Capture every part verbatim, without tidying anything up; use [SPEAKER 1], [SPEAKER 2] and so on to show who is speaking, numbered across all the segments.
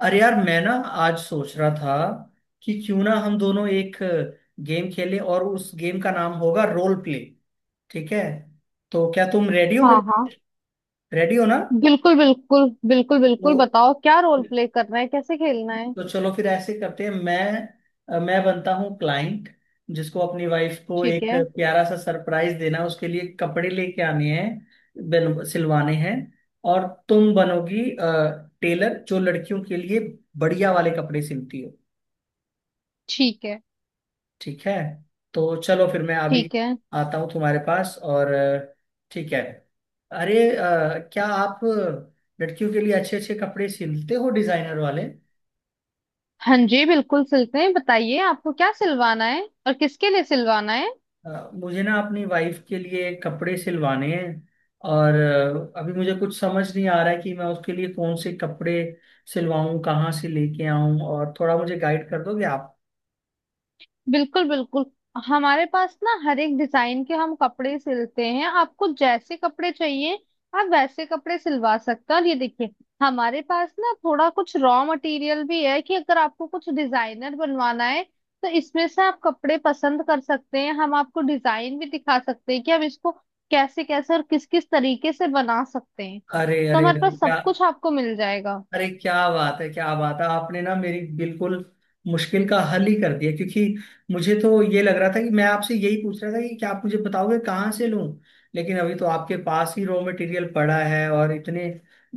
[SPEAKER 1] अरे यार मैं ना आज सोच रहा था कि क्यों ना हम दोनों एक गेम खेलें और उस गेम का नाम होगा रोल प्ले। ठीक है, तो क्या तुम रेडी हो
[SPEAKER 2] हाँ
[SPEAKER 1] मेरे,
[SPEAKER 2] हाँ,
[SPEAKER 1] रेडी हो ना?
[SPEAKER 2] बिल्कुल बिल्कुल बिल्कुल
[SPEAKER 1] तो
[SPEAKER 2] बिल्कुल बताओ क्या रोल प्ले करना है, कैसे खेलना है।
[SPEAKER 1] तो चलो फिर ऐसे करते हैं, मैं मैं बनता हूँ क्लाइंट जिसको अपनी वाइफ को
[SPEAKER 2] ठीक
[SPEAKER 1] एक
[SPEAKER 2] है।
[SPEAKER 1] प्यारा सा सरप्राइज देना है, उसके लिए कपड़े लेके आने हैं, बन- सिलवाने हैं। और तुम बनोगी टेलर जो लड़कियों के लिए बढ़िया वाले कपड़े सिलती हो।
[SPEAKER 2] ठीक है।
[SPEAKER 1] ठीक है, तो चलो फिर मैं अभी
[SPEAKER 2] ठीक है।
[SPEAKER 1] आता हूँ तुम्हारे पास और अ, ठीक है। अरे अ, क्या आप लड़कियों के लिए अच्छे अच्छे कपड़े सिलते हो, डिजाइनर वाले?
[SPEAKER 2] हाँ जी बिल्कुल सिलते हैं, बताइए आपको क्या सिलवाना है और किसके लिए सिलवाना है।
[SPEAKER 1] अ, मुझे ना अपनी वाइफ के लिए कपड़े सिलवाने हैं, और अ, अभी मुझे कुछ समझ नहीं आ रहा है कि मैं उसके लिए कौन से कपड़े सिलवाऊं, कहाँ से लेके आऊं, और थोड़ा मुझे गाइड कर दोगे आप?
[SPEAKER 2] बिल्कुल बिल्कुल, हमारे पास ना हर एक डिजाइन के हम कपड़े सिलते हैं, आपको जैसे कपड़े चाहिए आप वैसे कपड़े सिलवा सकते हैं। और ये देखिए, हमारे पास ना थोड़ा कुछ रॉ मटेरियल भी है कि अगर आपको कुछ डिजाइनर बनवाना है तो इसमें से आप कपड़े पसंद कर सकते हैं, हम आपको डिजाइन भी दिखा सकते हैं कि हम इसको कैसे कैसे और किस किस तरीके से बना सकते हैं,
[SPEAKER 1] अरे
[SPEAKER 2] तो
[SPEAKER 1] अरे
[SPEAKER 2] हमारे
[SPEAKER 1] अरे
[SPEAKER 2] पास
[SPEAKER 1] क्या,
[SPEAKER 2] सब कुछ आपको मिल जाएगा।
[SPEAKER 1] अरे क्या बात है क्या बात है, आपने ना मेरी बिल्कुल मुश्किल का हल ही कर दिया, क्योंकि मुझे तो ये लग रहा था कि मैं आपसे यही पूछ रहा था कि क्या आप मुझे बताओगे कहाँ से लूं, लेकिन अभी तो आपके पास ही रॉ मटेरियल पड़ा है, और इतने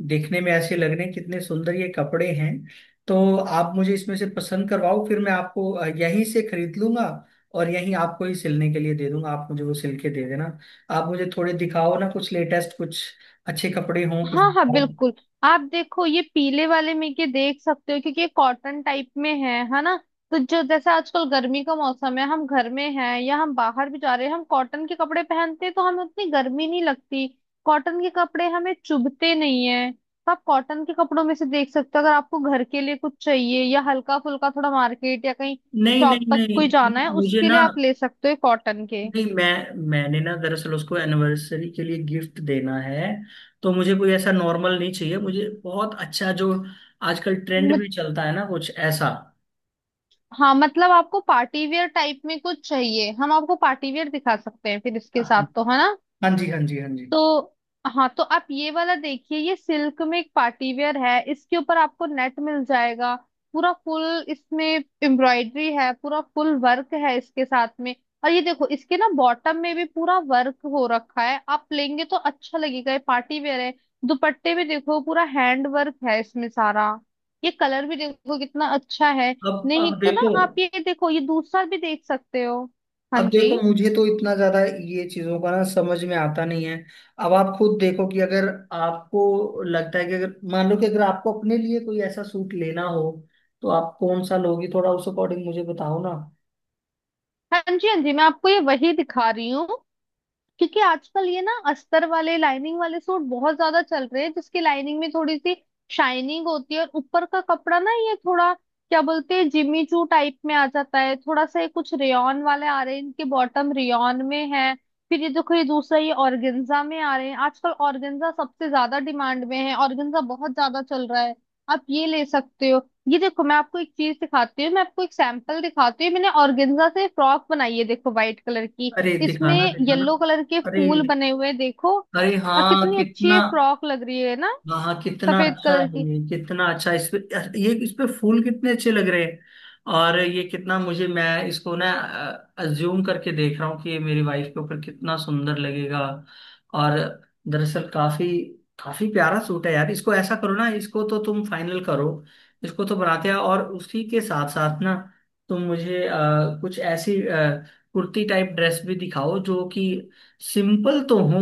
[SPEAKER 1] देखने में ऐसे लग रहे हैं, कितने सुंदर ये कपड़े हैं। तो आप मुझे इसमें से पसंद करवाओ, फिर मैं आपको अ, यहीं से खरीद लूंगा और यहीं आपको ही सिलने के लिए दे दूंगा, आप मुझे वो सिल के दे देना। आप मुझे थोड़े दिखाओ ना कुछ लेटेस्ट, कुछ अच्छे कपड़े हों कुछ।
[SPEAKER 2] हाँ हाँ बिल्कुल। आप देखो ये पीले वाले में के देख सकते हो क्योंकि ये कॉटन टाइप में है है ना। तो जो जैसे आजकल गर्मी का मौसम है, हम घर में हैं या हम बाहर भी जा रहे हैं, हम कॉटन के कपड़े पहनते हैं तो हमें उतनी गर्मी नहीं लगती, कॉटन के कपड़े हमें चुभते नहीं है। तो आप कॉटन के कपड़ों में से देख सकते हो, अगर आपको घर के लिए कुछ चाहिए या हल्का फुल्का थोड़ा मार्केट या कहीं
[SPEAKER 1] नहीं
[SPEAKER 2] शॉप
[SPEAKER 1] नहीं
[SPEAKER 2] तक
[SPEAKER 1] नहीं
[SPEAKER 2] कोई जाना है
[SPEAKER 1] नहीं, मुझे
[SPEAKER 2] उसके
[SPEAKER 1] ना,
[SPEAKER 2] लिए आप ले सकते हो कॉटन के।
[SPEAKER 1] नहीं मैं, मैंने ना दरअसल उसको एनिवर्सरी के लिए गिफ्ट देना है, तो मुझे कोई ऐसा नॉर्मल नहीं चाहिए, मुझे बहुत अच्छा जो आजकल ट्रेंड भी चलता है ना, कुछ ऐसा।
[SPEAKER 2] हाँ मतलब आपको पार्टी वेयर टाइप में कुछ चाहिए, हम आपको पार्टी वेयर दिखा सकते हैं फिर इसके साथ तो, है ना।
[SPEAKER 1] हाँ जी, हाँ जी, हाँ जी।
[SPEAKER 2] तो हाँ, तो आप ये वाला देखिए, ये सिल्क में एक पार्टी वेयर है, इसके ऊपर आपको नेट मिल जाएगा पूरा फुल, इसमें एम्ब्रॉयडरी है, पूरा फुल वर्क है इसके साथ में। और ये देखो इसके ना बॉटम में भी पूरा वर्क हो रखा है, आप लेंगे तो अच्छा लगेगा, ये पार्टी वेयर है। दुपट्टे में देखो पूरा हैंड वर्क है इसमें सारा, ये कलर भी देखो कितना अच्छा है।
[SPEAKER 1] अब
[SPEAKER 2] नहीं
[SPEAKER 1] अब
[SPEAKER 2] तो ना
[SPEAKER 1] देखो,
[SPEAKER 2] आप ये देखो, ये दूसरा भी देख सकते हो। हाँ
[SPEAKER 1] अब देखो
[SPEAKER 2] जी,
[SPEAKER 1] मुझे तो इतना ज्यादा ये चीजों का ना समझ में आता नहीं है। अब आप खुद देखो कि अगर आपको लगता है कि अगर मान लो कि अगर आपको अपने लिए कोई ऐसा सूट लेना हो, तो आप कौन सा लोगी, थोड़ा उस अकॉर्डिंग मुझे बताओ ना।
[SPEAKER 2] हाँ जी, हाँ जी। मैं आपको ये वही दिखा रही हूँ, क्योंकि आजकल ये ना अस्तर वाले लाइनिंग वाले सूट बहुत ज्यादा चल रहे हैं, जिसकी लाइनिंग में थोड़ी सी शाइनिंग होती है और ऊपर का कपड़ा ना ये थोड़ा क्या बोलते हैं, जिमी चू टाइप में आ जाता है थोड़ा सा। ये कुछ रेयॉन वाले आ रहे हैं, इनके बॉटम रेयॉन में है। फिर ये देखो ये दूसरा, ये ऑर्गेन्जा में आ रहे हैं, आजकल ऑर्गेन्जा सबसे ज्यादा डिमांड में है, ऑर्गेन्जा बहुत ज्यादा चल रहा है, आप ये ले सकते हो। ये देखो मैं आपको एक चीज दिखाती हूँ, मैं आपको एक सैंपल दिखाती हूँ, मैंने ऑर्गेन्जा से फ्रॉक बनाई है, देखो व्हाइट कलर की।
[SPEAKER 1] अरे
[SPEAKER 2] इसमें
[SPEAKER 1] दिखाना दिखाना।
[SPEAKER 2] येलो कलर के
[SPEAKER 1] अरे,
[SPEAKER 2] फूल बने हुए हैं, देखो।
[SPEAKER 1] अरे
[SPEAKER 2] और
[SPEAKER 1] हाँ
[SPEAKER 2] कितनी अच्छी
[SPEAKER 1] कितना,
[SPEAKER 2] ये फ्रॉक लग रही है ना,
[SPEAKER 1] हाँ हाँ कितना
[SPEAKER 2] सफेद
[SPEAKER 1] अच्छा है,
[SPEAKER 2] कलर की।
[SPEAKER 1] ये कितना अच्छा, इस पे, ये इस पे फूल कितने अच्छे लग रहे हैं। और ये कितना, मुझे, मैं इसको ना अज्यूम करके देख रहा हूँ कि ये मेरी वाइफ के ऊपर कितना सुंदर लगेगा। और दरअसल काफी काफी प्यारा सूट है यार, इसको ऐसा करो ना, इसको तो तुम फाइनल करो, इसको तो बनाते हैं। और उसी के साथ साथ ना, तुम मुझे अ, कुछ ऐसी अ, कुर्ती टाइप ड्रेस भी दिखाओ जो कि सिंपल तो हो,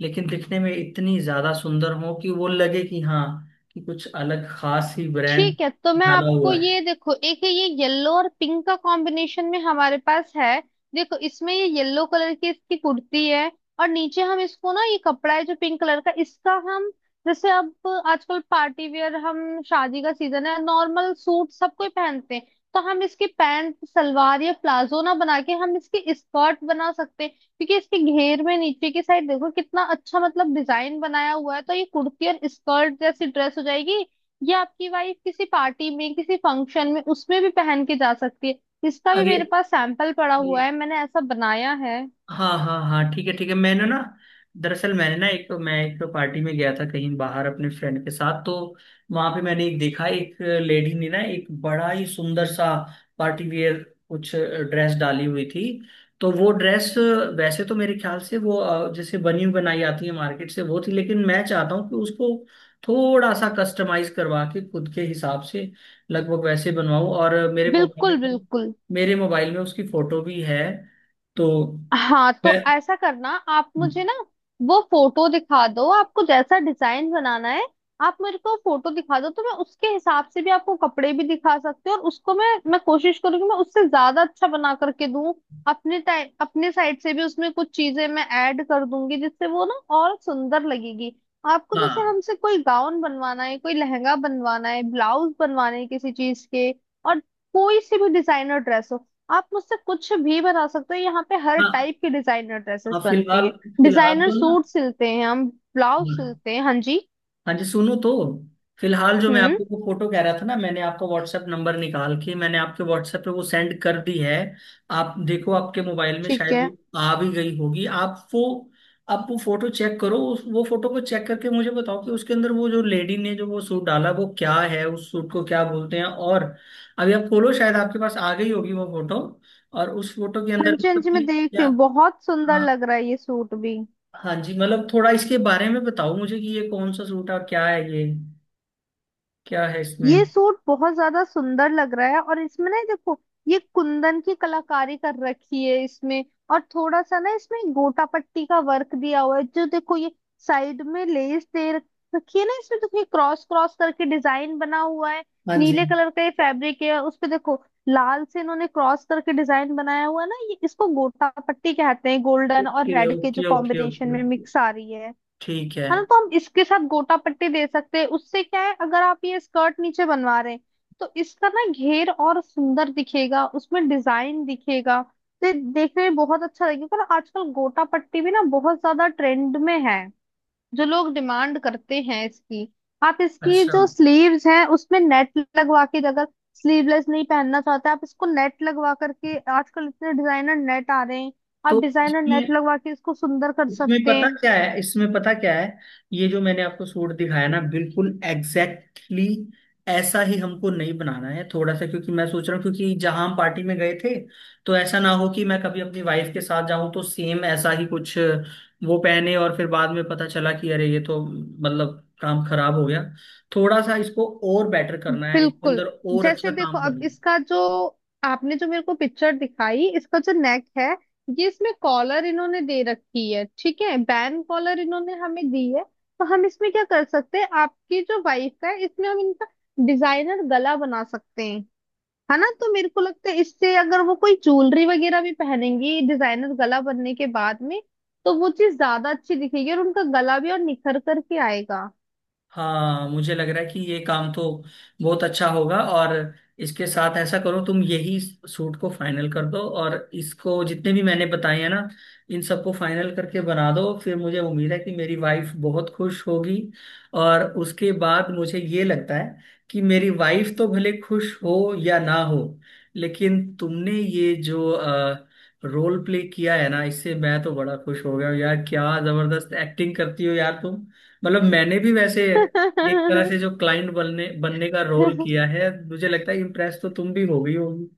[SPEAKER 1] लेकिन दिखने में इतनी ज्यादा सुंदर हो कि वो लगे कि हाँ, कि कुछ अलग खास ही ब्रांड
[SPEAKER 2] ठीक है, तो मैं
[SPEAKER 1] डाला
[SPEAKER 2] आपको
[SPEAKER 1] हुआ है।
[SPEAKER 2] ये देखो एक है, ये येलो और पिंक का कॉम्बिनेशन में हमारे पास है। देखो इसमें ये येलो कलर की इसकी कुर्ती है, और नीचे हम इसको ना ये कपड़ा है जो पिंक कलर का, इसका हम जैसे अब आजकल पार्टी वेयर, हम शादी का सीजन है, नॉर्मल सूट सब कोई पहनते हैं, तो हम इसकी पैंट सलवार या प्लाजो ना बना के हम इसकी स्कर्ट बना सकते हैं, क्योंकि इसके घेर में नीचे की साइड देखो कितना अच्छा मतलब डिजाइन बनाया हुआ है, तो ये कुर्ती और स्कर्ट जैसी ड्रेस हो जाएगी। ये आपकी वाइफ किसी पार्टी में किसी फंक्शन में उसमें भी पहन के जा सकती है। इसका भी
[SPEAKER 1] अरे
[SPEAKER 2] मेरे पास सैंपल पड़ा हुआ है, मैंने ऐसा बनाया है।
[SPEAKER 1] हाँ हाँ हाँ, ठीक है ठीक है। मैंने ना दरअसल, मैंने ना एक, मैं एक पार्टी में गया था कहीं बाहर अपने फ्रेंड के साथ, तो वहां पे मैंने एक देखा, एक लेडी ने ना एक बड़ा ही सुंदर सा पार्टी वेयर कुछ ड्रेस डाली हुई थी, तो वो ड्रेस वैसे तो मेरे ख्याल से वो अ, जैसे बनी बनाई आती है मार्केट से, वो थी, लेकिन मैं चाहता हूँ कि उसको थोड़ा सा कस्टमाइज करवा के खुद के हिसाब से लगभग वैसे बनवाऊं। और मेरे मोबाइल
[SPEAKER 2] बिल्कुल
[SPEAKER 1] में
[SPEAKER 2] बिल्कुल।
[SPEAKER 1] मेरे मोबाइल में उसकी फोटो भी है तो
[SPEAKER 2] हाँ
[SPEAKER 1] है।
[SPEAKER 2] तो ऐसा करना, आप मुझे ना वो फोटो दिखा दो आपको जैसा डिजाइन बनाना है, आप मेरे को फोटो दिखा दो तो मैं उसके हिसाब से भी आपको कपड़े भी दिखा सकती हूँ, और उसको मैं मैं कोशिश करूंगी मैं उससे ज्यादा अच्छा बना करके दूं, अपने टाइम अपने साइड से भी उसमें कुछ चीजें मैं ऐड कर दूंगी, जिससे वो ना और सुंदर लगेगी। आपको जैसे
[SPEAKER 1] हाँ
[SPEAKER 2] हमसे कोई गाउन बनवाना है, कोई लहंगा बनवाना है, ब्लाउज बनवाना है किसी चीज के, और कोई से भी डिजाइनर ड्रेस हो, आप मुझसे कुछ भी बता सकते हो, यहाँ पे हर
[SPEAKER 1] हाँ
[SPEAKER 2] टाइप की डिजाइनर
[SPEAKER 1] हाँ,
[SPEAKER 2] ड्रेसेस बनती
[SPEAKER 1] फिलहाल
[SPEAKER 2] हैं,
[SPEAKER 1] फिलहाल
[SPEAKER 2] डिजाइनर
[SPEAKER 1] तो ना,
[SPEAKER 2] सूट सिलते हैं हम, ब्लाउज
[SPEAKER 1] हाँ,
[SPEAKER 2] सिलते हैं। हाँ जी।
[SPEAKER 1] हाँ जी सुनो तो, फिलहाल जो मैं
[SPEAKER 2] हम्म।
[SPEAKER 1] आपको वो फोटो कह रहा था ना, मैंने आपका व्हाट्सएप नंबर निकाल के मैंने आपके व्हाट्सएप पे वो सेंड कर दी है। आप देखो आपके मोबाइल में
[SPEAKER 2] ठीक
[SPEAKER 1] शायद
[SPEAKER 2] है।
[SPEAKER 1] वो आ भी गई होगी, आप वो आप वो फोटो चेक करो, उस- वो फोटो को चेक करके मुझे बताओ कि उसके अंदर वो जो लेडी ने जो वो सूट डाला वो क्या है, उस सूट को क्या बोलते हैं, और अभी आप खोलो शायद आपके पास आ गई होगी वो फोटो, और उस फोटो के
[SPEAKER 2] हाँ
[SPEAKER 1] अंदर
[SPEAKER 2] जी, हाँ
[SPEAKER 1] मतलब
[SPEAKER 2] जी, मैं
[SPEAKER 1] कि
[SPEAKER 2] देख
[SPEAKER 1] क्या।
[SPEAKER 2] रही हूँ, बहुत सुंदर
[SPEAKER 1] हाँ,
[SPEAKER 2] लग रहा है ये सूट भी।
[SPEAKER 1] हाँ जी मतलब थोड़ा इसके बारे में बताओ मुझे कि ये कौन सा सूट है और क्या है ये, क्या है इसमें।
[SPEAKER 2] ये सूट बहुत ज्यादा सुंदर लग रहा है, और इसमें ना ये देखो ये कुंदन की कलाकारी कर रखी है इसमें, और थोड़ा सा ना इसमें गोटा पट्टी का वर्क दिया हुआ है, जो देखो ये साइड में लेस दे रख- रखी है ना, इसमें देखो ये क्रॉस क्रॉस करके डिजाइन बना हुआ है।
[SPEAKER 1] हाँ जी।
[SPEAKER 2] नीले कलर का ये फैब्रिक है, उस पे देखो लाल से इन्होंने क्रॉस करके डिजाइन बनाया हुआ है ना, ये इसको गोटा पट्टी कहते हैं, गोल्डन और
[SPEAKER 1] ओके
[SPEAKER 2] रेड के जो
[SPEAKER 1] ओके ओके
[SPEAKER 2] कॉम्बिनेशन
[SPEAKER 1] ओके
[SPEAKER 2] में
[SPEAKER 1] ओके,
[SPEAKER 2] मिक्स आ रही है
[SPEAKER 1] ठीक है।
[SPEAKER 2] है ना। तो हम इसके साथ गोटा पट्टी दे सकते हैं, उससे क्या है अगर आप ये स्कर्ट नीचे बनवा रहे हैं तो इसका ना घेर और सुंदर दिखेगा, उसमें डिजाइन दिखेगा, तो ये देखने में बहुत अच्छा लगेगा। और आजकल गोटा पट्टी भी ना बहुत ज्यादा ट्रेंड में है, जो लोग डिमांड करते हैं इसकी। आप इसकी
[SPEAKER 1] अच्छा,
[SPEAKER 2] जो स्लीव्स हैं उसमें नेट लगवा के, अगर स्लीवलेस नहीं पहनना चाहते आप इसको नेट लगवा करके, आजकल इतने डिजाइनर नेट आ रहे हैं, आप
[SPEAKER 1] तो
[SPEAKER 2] डिजाइनर नेट
[SPEAKER 1] इसमें,
[SPEAKER 2] लगवा के इसको सुंदर कर
[SPEAKER 1] इसमें
[SPEAKER 2] सकते
[SPEAKER 1] पता
[SPEAKER 2] हैं।
[SPEAKER 1] क्या है इसमें पता क्या है, ये जो मैंने आपको सूट दिखाया ना, बिल्कुल एग्जैक्टली exactly ऐसा ही हमको नहीं बनाना है, थोड़ा सा, क्योंकि मैं सोच रहा हूँ क्योंकि जहां हम पार्टी में गए थे, तो ऐसा ना हो कि मैं कभी अपनी वाइफ के साथ जाऊं तो सेम ऐसा ही कुछ वो पहने, और फिर बाद में पता चला कि अरे ये तो मतलब काम खराब हो गया, थोड़ा सा इसको और बेटर करना है, इसके
[SPEAKER 2] बिल्कुल।
[SPEAKER 1] अंदर और अच्छा
[SPEAKER 2] जैसे देखो
[SPEAKER 1] काम
[SPEAKER 2] अब
[SPEAKER 1] करना है।
[SPEAKER 2] इसका जो आपने जो मेरे को पिक्चर दिखाई, इसका जो नेक है, ये इसमें कॉलर इन्होंने दे रखी है, ठीक है बैन कॉलर इन्होंने हमें दी है, तो हम इसमें क्या कर सकते हैं, आपकी जो वाइफ का है इसमें हम इनका डिजाइनर गला बना सकते हैं, है ना। तो मेरे को लगता है इससे अगर वो कोई ज्वेलरी वगैरह भी पहनेंगी डिजाइनर गला बनने के बाद में तो वो चीज ज्यादा अच्छी दिखेगी और उनका गला भी और निखर करके आएगा।
[SPEAKER 1] हाँ मुझे लग रहा है कि ये काम तो बहुत अच्छा होगा, और इसके साथ ऐसा करो तुम यही सूट को फाइनल कर दो, और इसको जितने भी मैंने बताए हैं ना, इन सबको फाइनल करके बना दो, फिर मुझे उम्मीद है कि मेरी वाइफ बहुत खुश होगी। और उसके बाद मुझे ये लगता है कि मेरी वाइफ तो भले खुश हो या ना हो, लेकिन तुमने ये जो रोल प्ले किया है ना, इससे मैं तो बड़ा खुश हो गया हूँ यार, क्या जबरदस्त एक्टिंग करती हो यार तुम। मतलब मैंने भी वैसे एक तरह से जो क्लाइंट बनने बनने का रोल किया है, मुझे लगता है इम्प्रेस तो तुम भी हो गई होगी।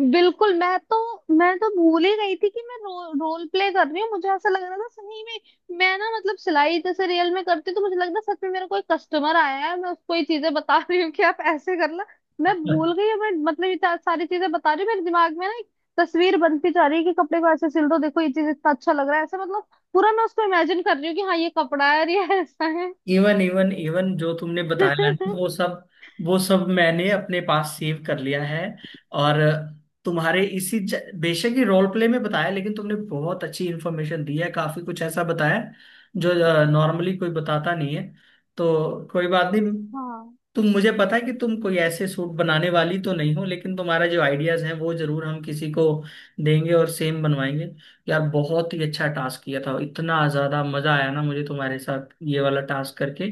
[SPEAKER 2] बिल्कुल, मैं तो मैं तो भूल ही गई थी कि मैं रो, रोल प्ले कर रही हूँ, मुझे ऐसा लग रहा था सही में, मैं ना मतलब सिलाई जैसे रियल में करती हूँ, तो मुझे लग रहा सच में मेरा कोई कस्टमर आया है, मैं उसको ये चीजें बता रही हूँ कि आप ऐसे करना। मैं भूल गई हूँ, मैं मतलब इतना सारी चीजें बता रही हूँ, मेरे दिमाग में ना एक तस्वीर बनती जा रही है कि कपड़े को ऐसे सिल दो, देखो ये चीज इतना अच्छा लग रहा है ऐसे मतलब, पूरा मैं उसको इमेजिन कर रही हूँ कि हाँ ये कपड़ा है और ये ऐसा है।
[SPEAKER 1] इवन इवन इवन जो तुमने बताया ना, वो सब वो सब मैंने अपने पास सेव कर लिया है। और तुम्हारे इसी ज- बेशक ही रोल प्ले में बताया, लेकिन तुमने बहुत अच्छी इन्फॉर्मेशन दी है, काफी कुछ ऐसा बताया जो नॉर्मली कोई बताता नहीं है, तो कोई बात नहीं।
[SPEAKER 2] हाँ
[SPEAKER 1] तुम, मुझे पता है कि तुम कोई ऐसे सूट बनाने वाली तो नहीं हो, लेकिन तुम्हारा जो आइडियाज हैं वो जरूर हम किसी को देंगे और सेम बनवाएंगे। यार बहुत ही अच्छा टास्क किया था, इतना ज्यादा मजा आया ना मुझे तुम्हारे साथ ये वाला टास्क करके।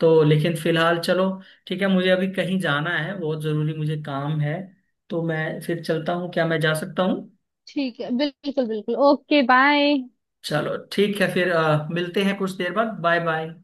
[SPEAKER 1] तो लेकिन फिलहाल चलो ठीक है, मुझे अभी कहीं जाना है, बहुत जरूरी मुझे काम है, तो मैं फिर चलता हूँ, क्या मैं जा सकता हूँ?
[SPEAKER 2] ठीक है, बिल्कुल बिल्कुल, ओके बाय।
[SPEAKER 1] चलो ठीक है, फिर अ, मिलते हैं कुछ देर बाद, बाय बाय।